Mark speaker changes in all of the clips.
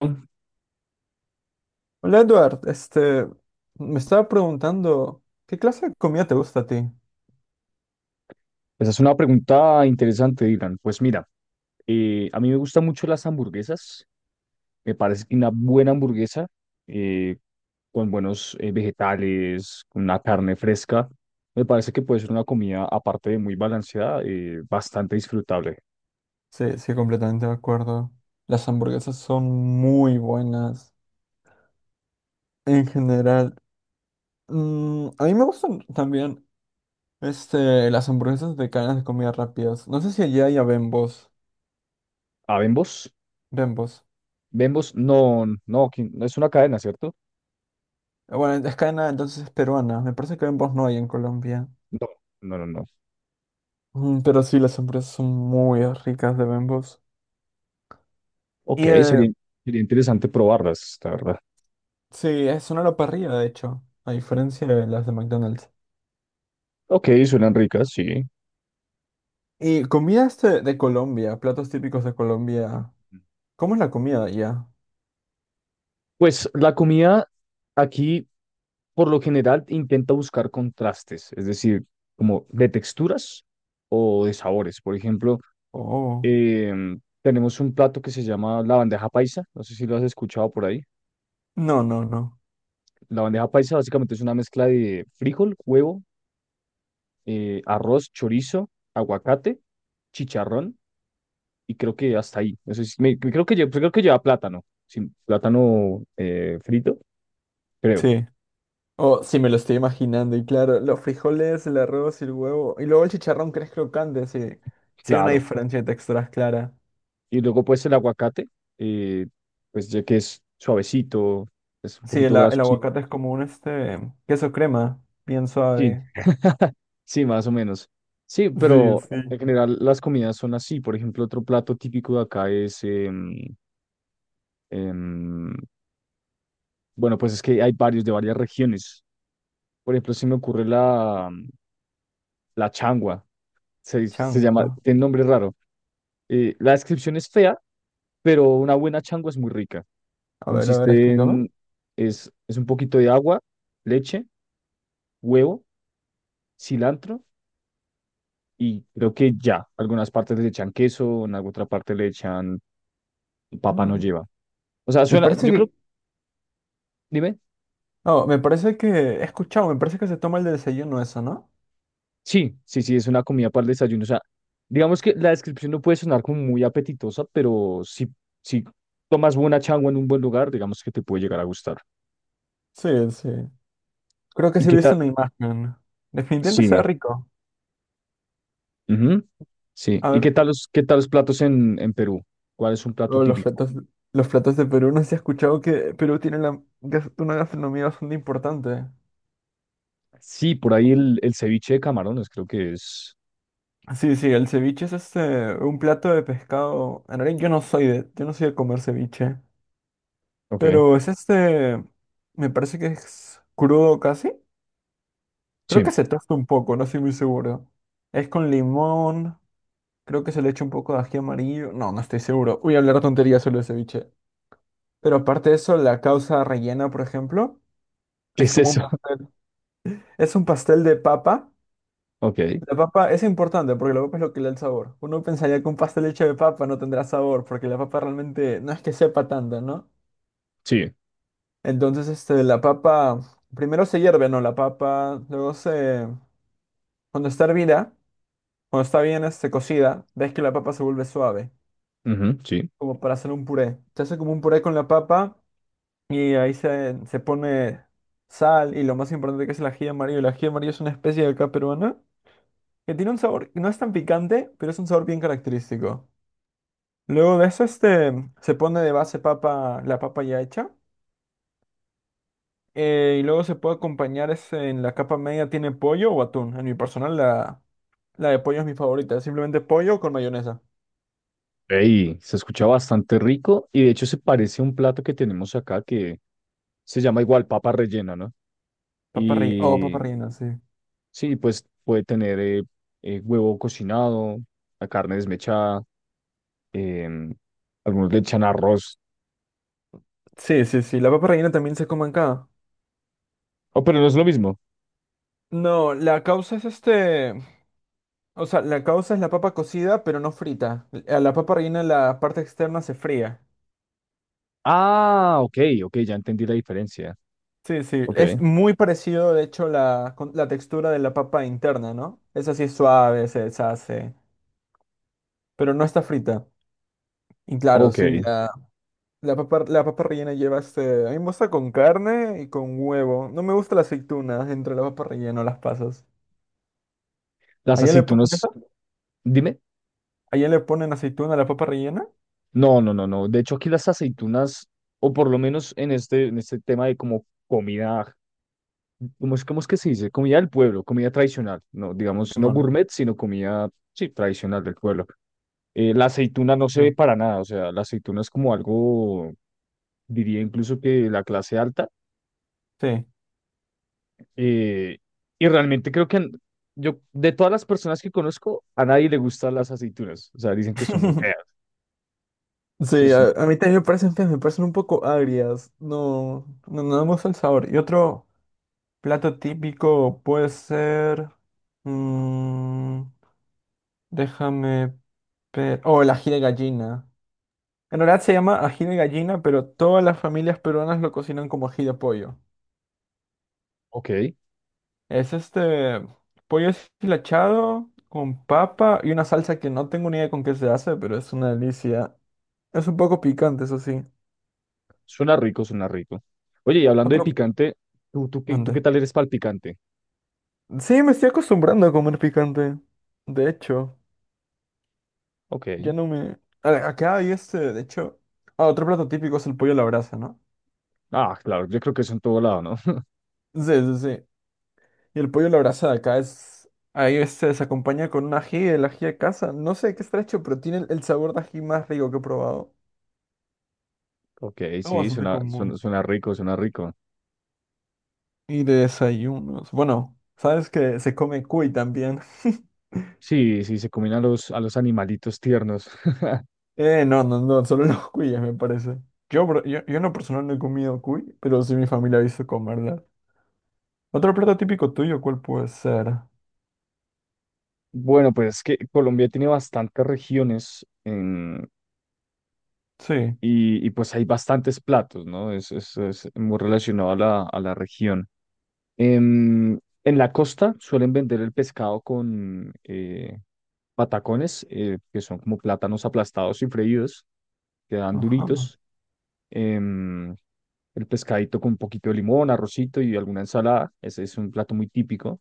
Speaker 1: Esa
Speaker 2: Hola Edward, me estaba preguntando, ¿qué clase de comida te gusta a ti?
Speaker 1: es una pregunta interesante, Dylan. Pues mira, a mí me gustan mucho las hamburguesas. Me parece que una buena hamburguesa eh, con buenos vegetales, con una carne fresca, me parece que puede ser una comida, aparte de muy balanceada, bastante disfrutable.
Speaker 2: Sí, sí, completamente de acuerdo. Las hamburguesas son muy buenas en general. Mm, a mí me gustan también, las hamburguesas de cadenas de comida rápidas. No sé si allá hay a Bembos.
Speaker 1: ¿A Bembos?
Speaker 2: Bembos.
Speaker 1: Bembos, no, no, aquí no es una cadena, ¿cierto?
Speaker 2: Bueno, es cadena, entonces es peruana. Me parece que Bembos no hay en Colombia.
Speaker 1: No, no, no, no.
Speaker 2: Mm, pero sí, las hamburguesas son muy ricas de Bembos.
Speaker 1: Ok,
Speaker 2: Y
Speaker 1: sería interesante probarlas, la verdad.
Speaker 2: sí, es una a la parrilla, de hecho, a diferencia de las de McDonald's.
Speaker 1: Ok, suenan ricas, sí.
Speaker 2: Y comidas de Colombia, platos típicos de Colombia. ¿Cómo es la comida allá?
Speaker 1: Pues la comida aquí, por lo general intenta buscar contrastes, es decir, como de texturas o de sabores. Por ejemplo,
Speaker 2: Oh,
Speaker 1: tenemos un plato que se llama la bandeja paisa, no sé si lo has escuchado por ahí.
Speaker 2: no, no, no.
Speaker 1: La bandeja paisa básicamente es una mezcla de frijol, huevo, arroz, chorizo, aguacate, chicharrón y creo que hasta ahí. No sé si- me- creo que, pues creo que lleva plátano, sin plátano frito, creo,
Speaker 2: Sí. Oh, sí, me lo estoy imaginando. Y claro, los frijoles, el arroz y el huevo. Y luego el chicharrón que es crocante, sí. Sí, hay una
Speaker 1: claro.
Speaker 2: diferencia de texturas clara.
Speaker 1: Y luego pues el aguacate, eh, pues ya que es suavecito, es un
Speaker 2: Sí,
Speaker 1: poquito
Speaker 2: el,
Speaker 1: graso.
Speaker 2: el
Speaker 1: Sí,
Speaker 2: aguacate es como un queso crema, bien
Speaker 1: sí,
Speaker 2: suave.
Speaker 1: sí, más o menos. Sí,
Speaker 2: Sí,
Speaker 1: pero
Speaker 2: sí.
Speaker 1: en general las comidas son así. Por ejemplo, otro plato típico de acá es, em, bueno, pues es que hay varios de varias regiones. Por ejemplo, se me ocurre la, la changua, se llama,
Speaker 2: Changua.
Speaker 1: tiene nombre raro. La descripción es fea, pero una buena changua es muy rica.
Speaker 2: A ver,
Speaker 1: Consiste
Speaker 2: explícame.
Speaker 1: en, es un poquito de agua, leche, huevo, cilantro y creo que ya. Algunas partes le echan queso, en alguna otra parte le echan papa, no
Speaker 2: Mm,
Speaker 1: lleva. O sea,
Speaker 2: me
Speaker 1: suena,
Speaker 2: parece
Speaker 1: yo creo,
Speaker 2: que.
Speaker 1: dime,
Speaker 2: Oh, me parece que. He escuchado, me parece que se toma el desayuno eso, ¿no?
Speaker 1: sí, sí, sí, es una comida para el desayuno. O sea, digamos que la descripción no puede sonar como muy apetitosa, pero si tomas buena changua en un buen lugar, digamos que te puede llegar a gustar.
Speaker 2: Sí, sí. Creo que
Speaker 1: ¿Y
Speaker 2: sí he
Speaker 1: qué tal?
Speaker 2: visto una imagen. Definitivamente
Speaker 1: Sí,
Speaker 2: se rico.
Speaker 1: ujú, sí.
Speaker 2: A
Speaker 1: ¿Y qué
Speaker 2: ver,
Speaker 1: tal los platos en Perú? ¿Cuál es un plato
Speaker 2: oh,
Speaker 1: típico?
Speaker 2: los platos de Perú. No sé si has escuchado que Perú tiene la, una gastronomía bastante importante.
Speaker 1: Sí, por ahí el ceviche de camarones, creo que es.
Speaker 2: Sí, sí, el ceviche es un plato de pescado. En realidad yo no soy yo no soy de comer ceviche.
Speaker 1: Ok,
Speaker 2: Pero es me parece que es crudo casi. Creo
Speaker 1: sí.
Speaker 2: que se tosta un poco, no estoy muy seguro. Es con limón, creo que se le echa un poco de ají amarillo. No, no estoy seguro. Voy a hablar tonterías sobre el ceviche. Pero aparte de eso, la causa rellena, por ejemplo,
Speaker 1: ¿Qué
Speaker 2: es
Speaker 1: es
Speaker 2: como un
Speaker 1: eso?
Speaker 2: pastel. Es un pastel de papa.
Speaker 1: Ok.
Speaker 2: La papa es importante porque la papa es lo que le da el sabor. Uno pensaría que un pastel hecho de papa no tendrá sabor porque la papa realmente no es que sepa tanto, ¿no?
Speaker 1: Sí,
Speaker 2: Entonces, la papa, primero se hierve, ¿no? La papa, luego se, cuando está hervida, cuando está bien, cocida, ves que la papa se vuelve suave,
Speaker 1: ujú, sí.
Speaker 2: como para hacer un puré. Se hace como un puré con la papa. Y ahí se, se pone sal y lo más importante que es el ají amarillo. El ají amarillo es una especie de acá peruana que tiene un sabor, no es tan picante, pero es un sabor bien característico. Luego de eso se pone de base papa, la papa ya hecha. Y luego se puede acompañar en la capa media tiene pollo o atún. En mi personal la de pollo es mi favorita. Simplemente pollo con mayonesa.
Speaker 1: Ey, se escucha bastante rico y de hecho se parece a un plato que tenemos acá que se llama igual papa rellena, ¿no?
Speaker 2: Papa rellena. Oh, papa
Speaker 1: Y
Speaker 2: rellena, sí.
Speaker 1: sí, pues puede tener huevo cocinado, la carne desmechada, em, algunos le echan arroz.
Speaker 2: Sí, sí, sí. La papa rellena también se come acá.
Speaker 1: Oh, pero no es lo mismo.
Speaker 2: No, la causa es este. O sea, la causa es la papa cocida, pero no frita. A la papa rellena la parte externa se fría.
Speaker 1: Ah, ok, ok, ya entendí la diferencia.
Speaker 2: Sí, sí.
Speaker 1: Ok,
Speaker 2: Es muy parecido, de hecho, la textura de la papa interna, ¿no? Esa sí es suave, se deshace, pero no está frita. Y claro, sí,
Speaker 1: ok.
Speaker 2: la papa rellena lleva este... A mí me gusta con carne y con huevo. No me gusta la aceituna entre la papa rellena o las pasas.
Speaker 1: Las
Speaker 2: ¿Allá le ponen,
Speaker 1: aceitunas, dime.
Speaker 2: ¿allá le ponen aceituna a la papa rellena?
Speaker 1: No, no, no, no. De hecho, aquí las aceitunas, o por lo menos en en este tema de como comida. Cómo es que se dice? Comida del pueblo, comida tradicional, no, digamos, no
Speaker 2: Simón.
Speaker 1: gourmet, sino comida, sí, tradicional del pueblo. La aceituna no se ve
Speaker 2: Sí,
Speaker 1: para nada, o sea, la aceituna es como algo, diría incluso que de la clase alta,
Speaker 2: sí.
Speaker 1: eh, y realmente creo que yo, de todas las personas que conozco, a nadie le gustan las aceitunas, o sea, dicen que son muy feas,
Speaker 2: Sí,
Speaker 1: pues,
Speaker 2: a mí también me parecen feas, me parecen un poco agrias. No, no, no me gusta el sabor. Y otro plato típico puede ser. Mm, déjame ver. Oh, el ají de gallina. En realidad se llama ají de gallina, pero todas las familias peruanas lo cocinan como ají de pollo.
Speaker 1: ok,
Speaker 2: Es este pollo deshilachado con papa y una salsa que no tengo ni idea con qué se hace, pero es una delicia. Es un poco picante, eso sí.
Speaker 1: suena rico, suena rico. Oye, y hablando de
Speaker 2: Otro.
Speaker 1: picante, tú qué
Speaker 2: Mande.
Speaker 1: tal eres para el picante?
Speaker 2: Sí, me estoy acostumbrando a comer picante. De hecho,
Speaker 1: Ok,
Speaker 2: ya no me... A ver, acá hay de hecho... Ah, otro plato típico es el pollo a la brasa, ¿no?
Speaker 1: ah, claro, yo creo que eso en todo lado, ¿no?
Speaker 2: Sí, sí, sí. Y el pollo a la brasa de acá es... Ahí se acompaña con un ají, el ají de casa. No sé de qué está hecho, pero tiene el sabor de ají más rico que he probado.
Speaker 1: Ok,
Speaker 2: Algo
Speaker 1: sí,
Speaker 2: bastante
Speaker 1: suena, suena,
Speaker 2: común.
Speaker 1: suena rico, suena rico.
Speaker 2: Y de desayunos. Bueno, sabes que se come cuy también.
Speaker 1: Sí, sí, se combinan a los animalitos tiernos.
Speaker 2: No, no, no, solo los cuyes me parece. Yo en lo personal no he comido cuy, pero sí mi familia ha visto comerla. Otro plato típico tuyo, ¿cuál puede ser?
Speaker 1: Bueno, pues es que Colombia tiene bastantes regiones
Speaker 2: Sí.
Speaker 1: y pues hay bastantes platos, ¿no? Es muy relacionado a a la región. En la costa suelen vender el pescado con patacones, que son como plátanos aplastados y freídos, que dan
Speaker 2: Ajá.
Speaker 1: duritos. Em, el pescadito con un poquito de limón, arrocito y alguna ensalada. Ese es un plato muy típico.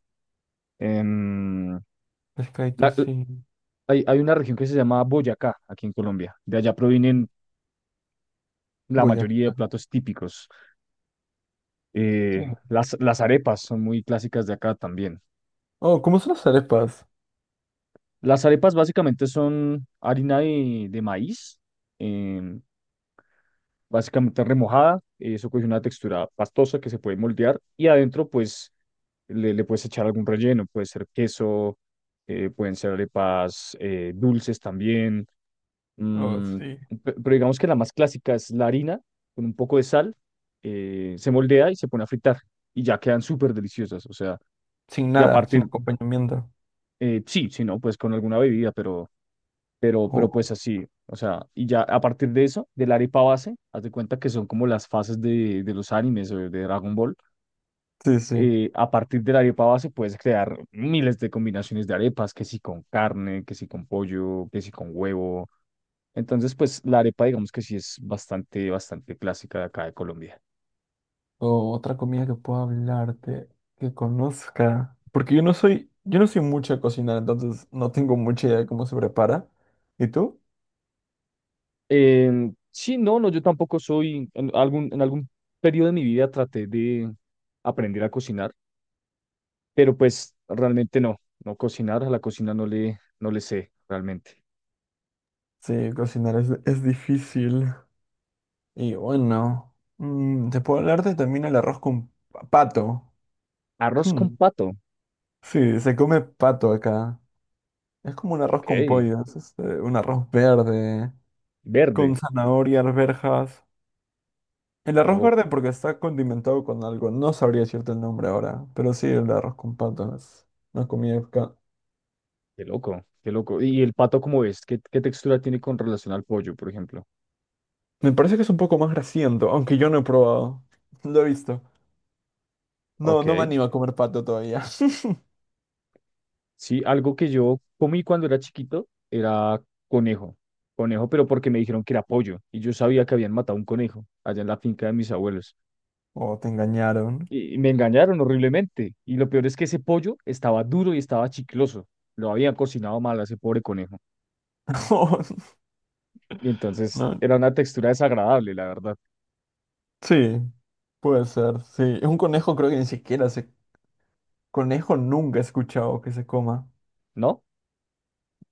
Speaker 1: Em,
Speaker 2: Pescadito,
Speaker 1: la- la-
Speaker 2: sí.
Speaker 1: hay, hay una región que se llama Boyacá, aquí en Colombia. De allá provienen la mayoría de
Speaker 2: Boyacá,
Speaker 1: platos típicos.
Speaker 2: sí.
Speaker 1: Las arepas son muy clásicas de acá también.
Speaker 2: Oh, ¿cómo son las arepas?
Speaker 1: Las arepas básicamente son harina de maíz, em, básicamente remojada. Eso coge una textura pastosa que se puede moldear y adentro pues le puedes echar algún relleno, puede ser queso, pueden ser arepas dulces también,
Speaker 2: Oh,
Speaker 1: mm,
Speaker 2: sí.
Speaker 1: pero digamos que la más clásica es la harina con un poco de sal, se moldea y se pone a fritar y ya quedan súper deliciosas, o sea,
Speaker 2: Sin
Speaker 1: y
Speaker 2: nada, sin
Speaker 1: aparte,
Speaker 2: acompañamiento.
Speaker 1: sí, si no, pues con alguna bebida,
Speaker 2: Oh,
Speaker 1: pero pues así, o sea, y ya a partir de eso, de la arepa base, haz de cuenta que son como las fases de los animes o de Dragon Ball,
Speaker 2: sí, sí.
Speaker 1: a partir de la arepa base puedes crear miles de combinaciones de arepas, que si con carne, que si con pollo, que si con huevo. Entonces, pues la arepa, digamos que sí es bastante, bastante clásica de acá de Colombia.
Speaker 2: O otra comida que pueda hablarte, que conozca. Porque yo no soy mucho a cocinar, entonces no tengo mucha idea de cómo se prepara. ¿Y tú?
Speaker 1: Sí, no, no, yo tampoco soy, en algún periodo de mi vida traté de aprender a cocinar, pero pues realmente no, no cocinar, a la cocina no no le sé realmente.
Speaker 2: Sí, cocinar es difícil. Y bueno, mm, te puedo hablarte también el arroz con pato.
Speaker 1: Arroz con pato,
Speaker 2: Sí, se come pato acá. Es como un arroz
Speaker 1: ok,
Speaker 2: con pollo, es un arroz verde, con
Speaker 1: verde,
Speaker 2: zanahoria, arvejas. El arroz
Speaker 1: ok.
Speaker 2: verde porque está condimentado con algo, no sabría decirte el nombre ahora, pero sí, el arroz con pato no es una comida acá.
Speaker 1: Qué loco, qué loco. ¿Y el pato cómo es? Qué textura tiene con relación al pollo, por ejemplo?
Speaker 2: Me parece que es un poco más grasiento, aunque yo no he probado. Lo he visto. No, no me
Speaker 1: Ok.
Speaker 2: animo a comer pato todavía.
Speaker 1: Sí, algo que yo comí cuando era chiquito era conejo. Conejo, pero porque me dijeron que era pollo. Y yo sabía que habían matado un conejo allá en la finca de mis abuelos.
Speaker 2: O te engañaron.
Speaker 1: Y me engañaron horriblemente. Y lo peor es que ese pollo estaba duro y estaba chicloso. Lo habían cocinado mal a ese pobre conejo.
Speaker 2: O
Speaker 1: Y entonces
Speaker 2: no.
Speaker 1: era una textura desagradable, la verdad.
Speaker 2: Sí, puede ser, sí. Un conejo creo que ni siquiera se... Conejo nunca he escuchado que se coma.
Speaker 1: ¿No?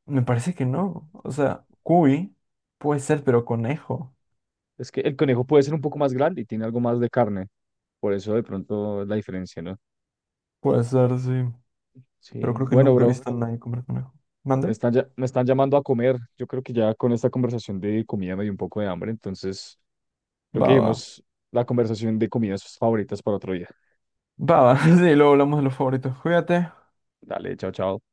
Speaker 2: Me parece que no. O sea, cuy puede ser, pero conejo.
Speaker 1: Es que el conejo puede ser un poco más grande y tiene algo más de carne. Por eso de pronto la diferencia, ¿no?
Speaker 2: Puede ser, sí.
Speaker 1: Sí,
Speaker 2: Pero creo que
Speaker 1: bueno,
Speaker 2: nunca he
Speaker 1: bro,
Speaker 2: visto a nadie comer conejo. ¿Mande?
Speaker 1: me están llamando a comer. Yo creo que ya con esta conversación de comida me dio un poco de hambre, entonces lo
Speaker 2: Va,
Speaker 1: que
Speaker 2: va.
Speaker 1: dijimos, la conversación de comidas favoritas para otro día.
Speaker 2: Va, va. Sí, luego hablamos de los favoritos. Cuídate.
Speaker 1: Dale, chao, chao.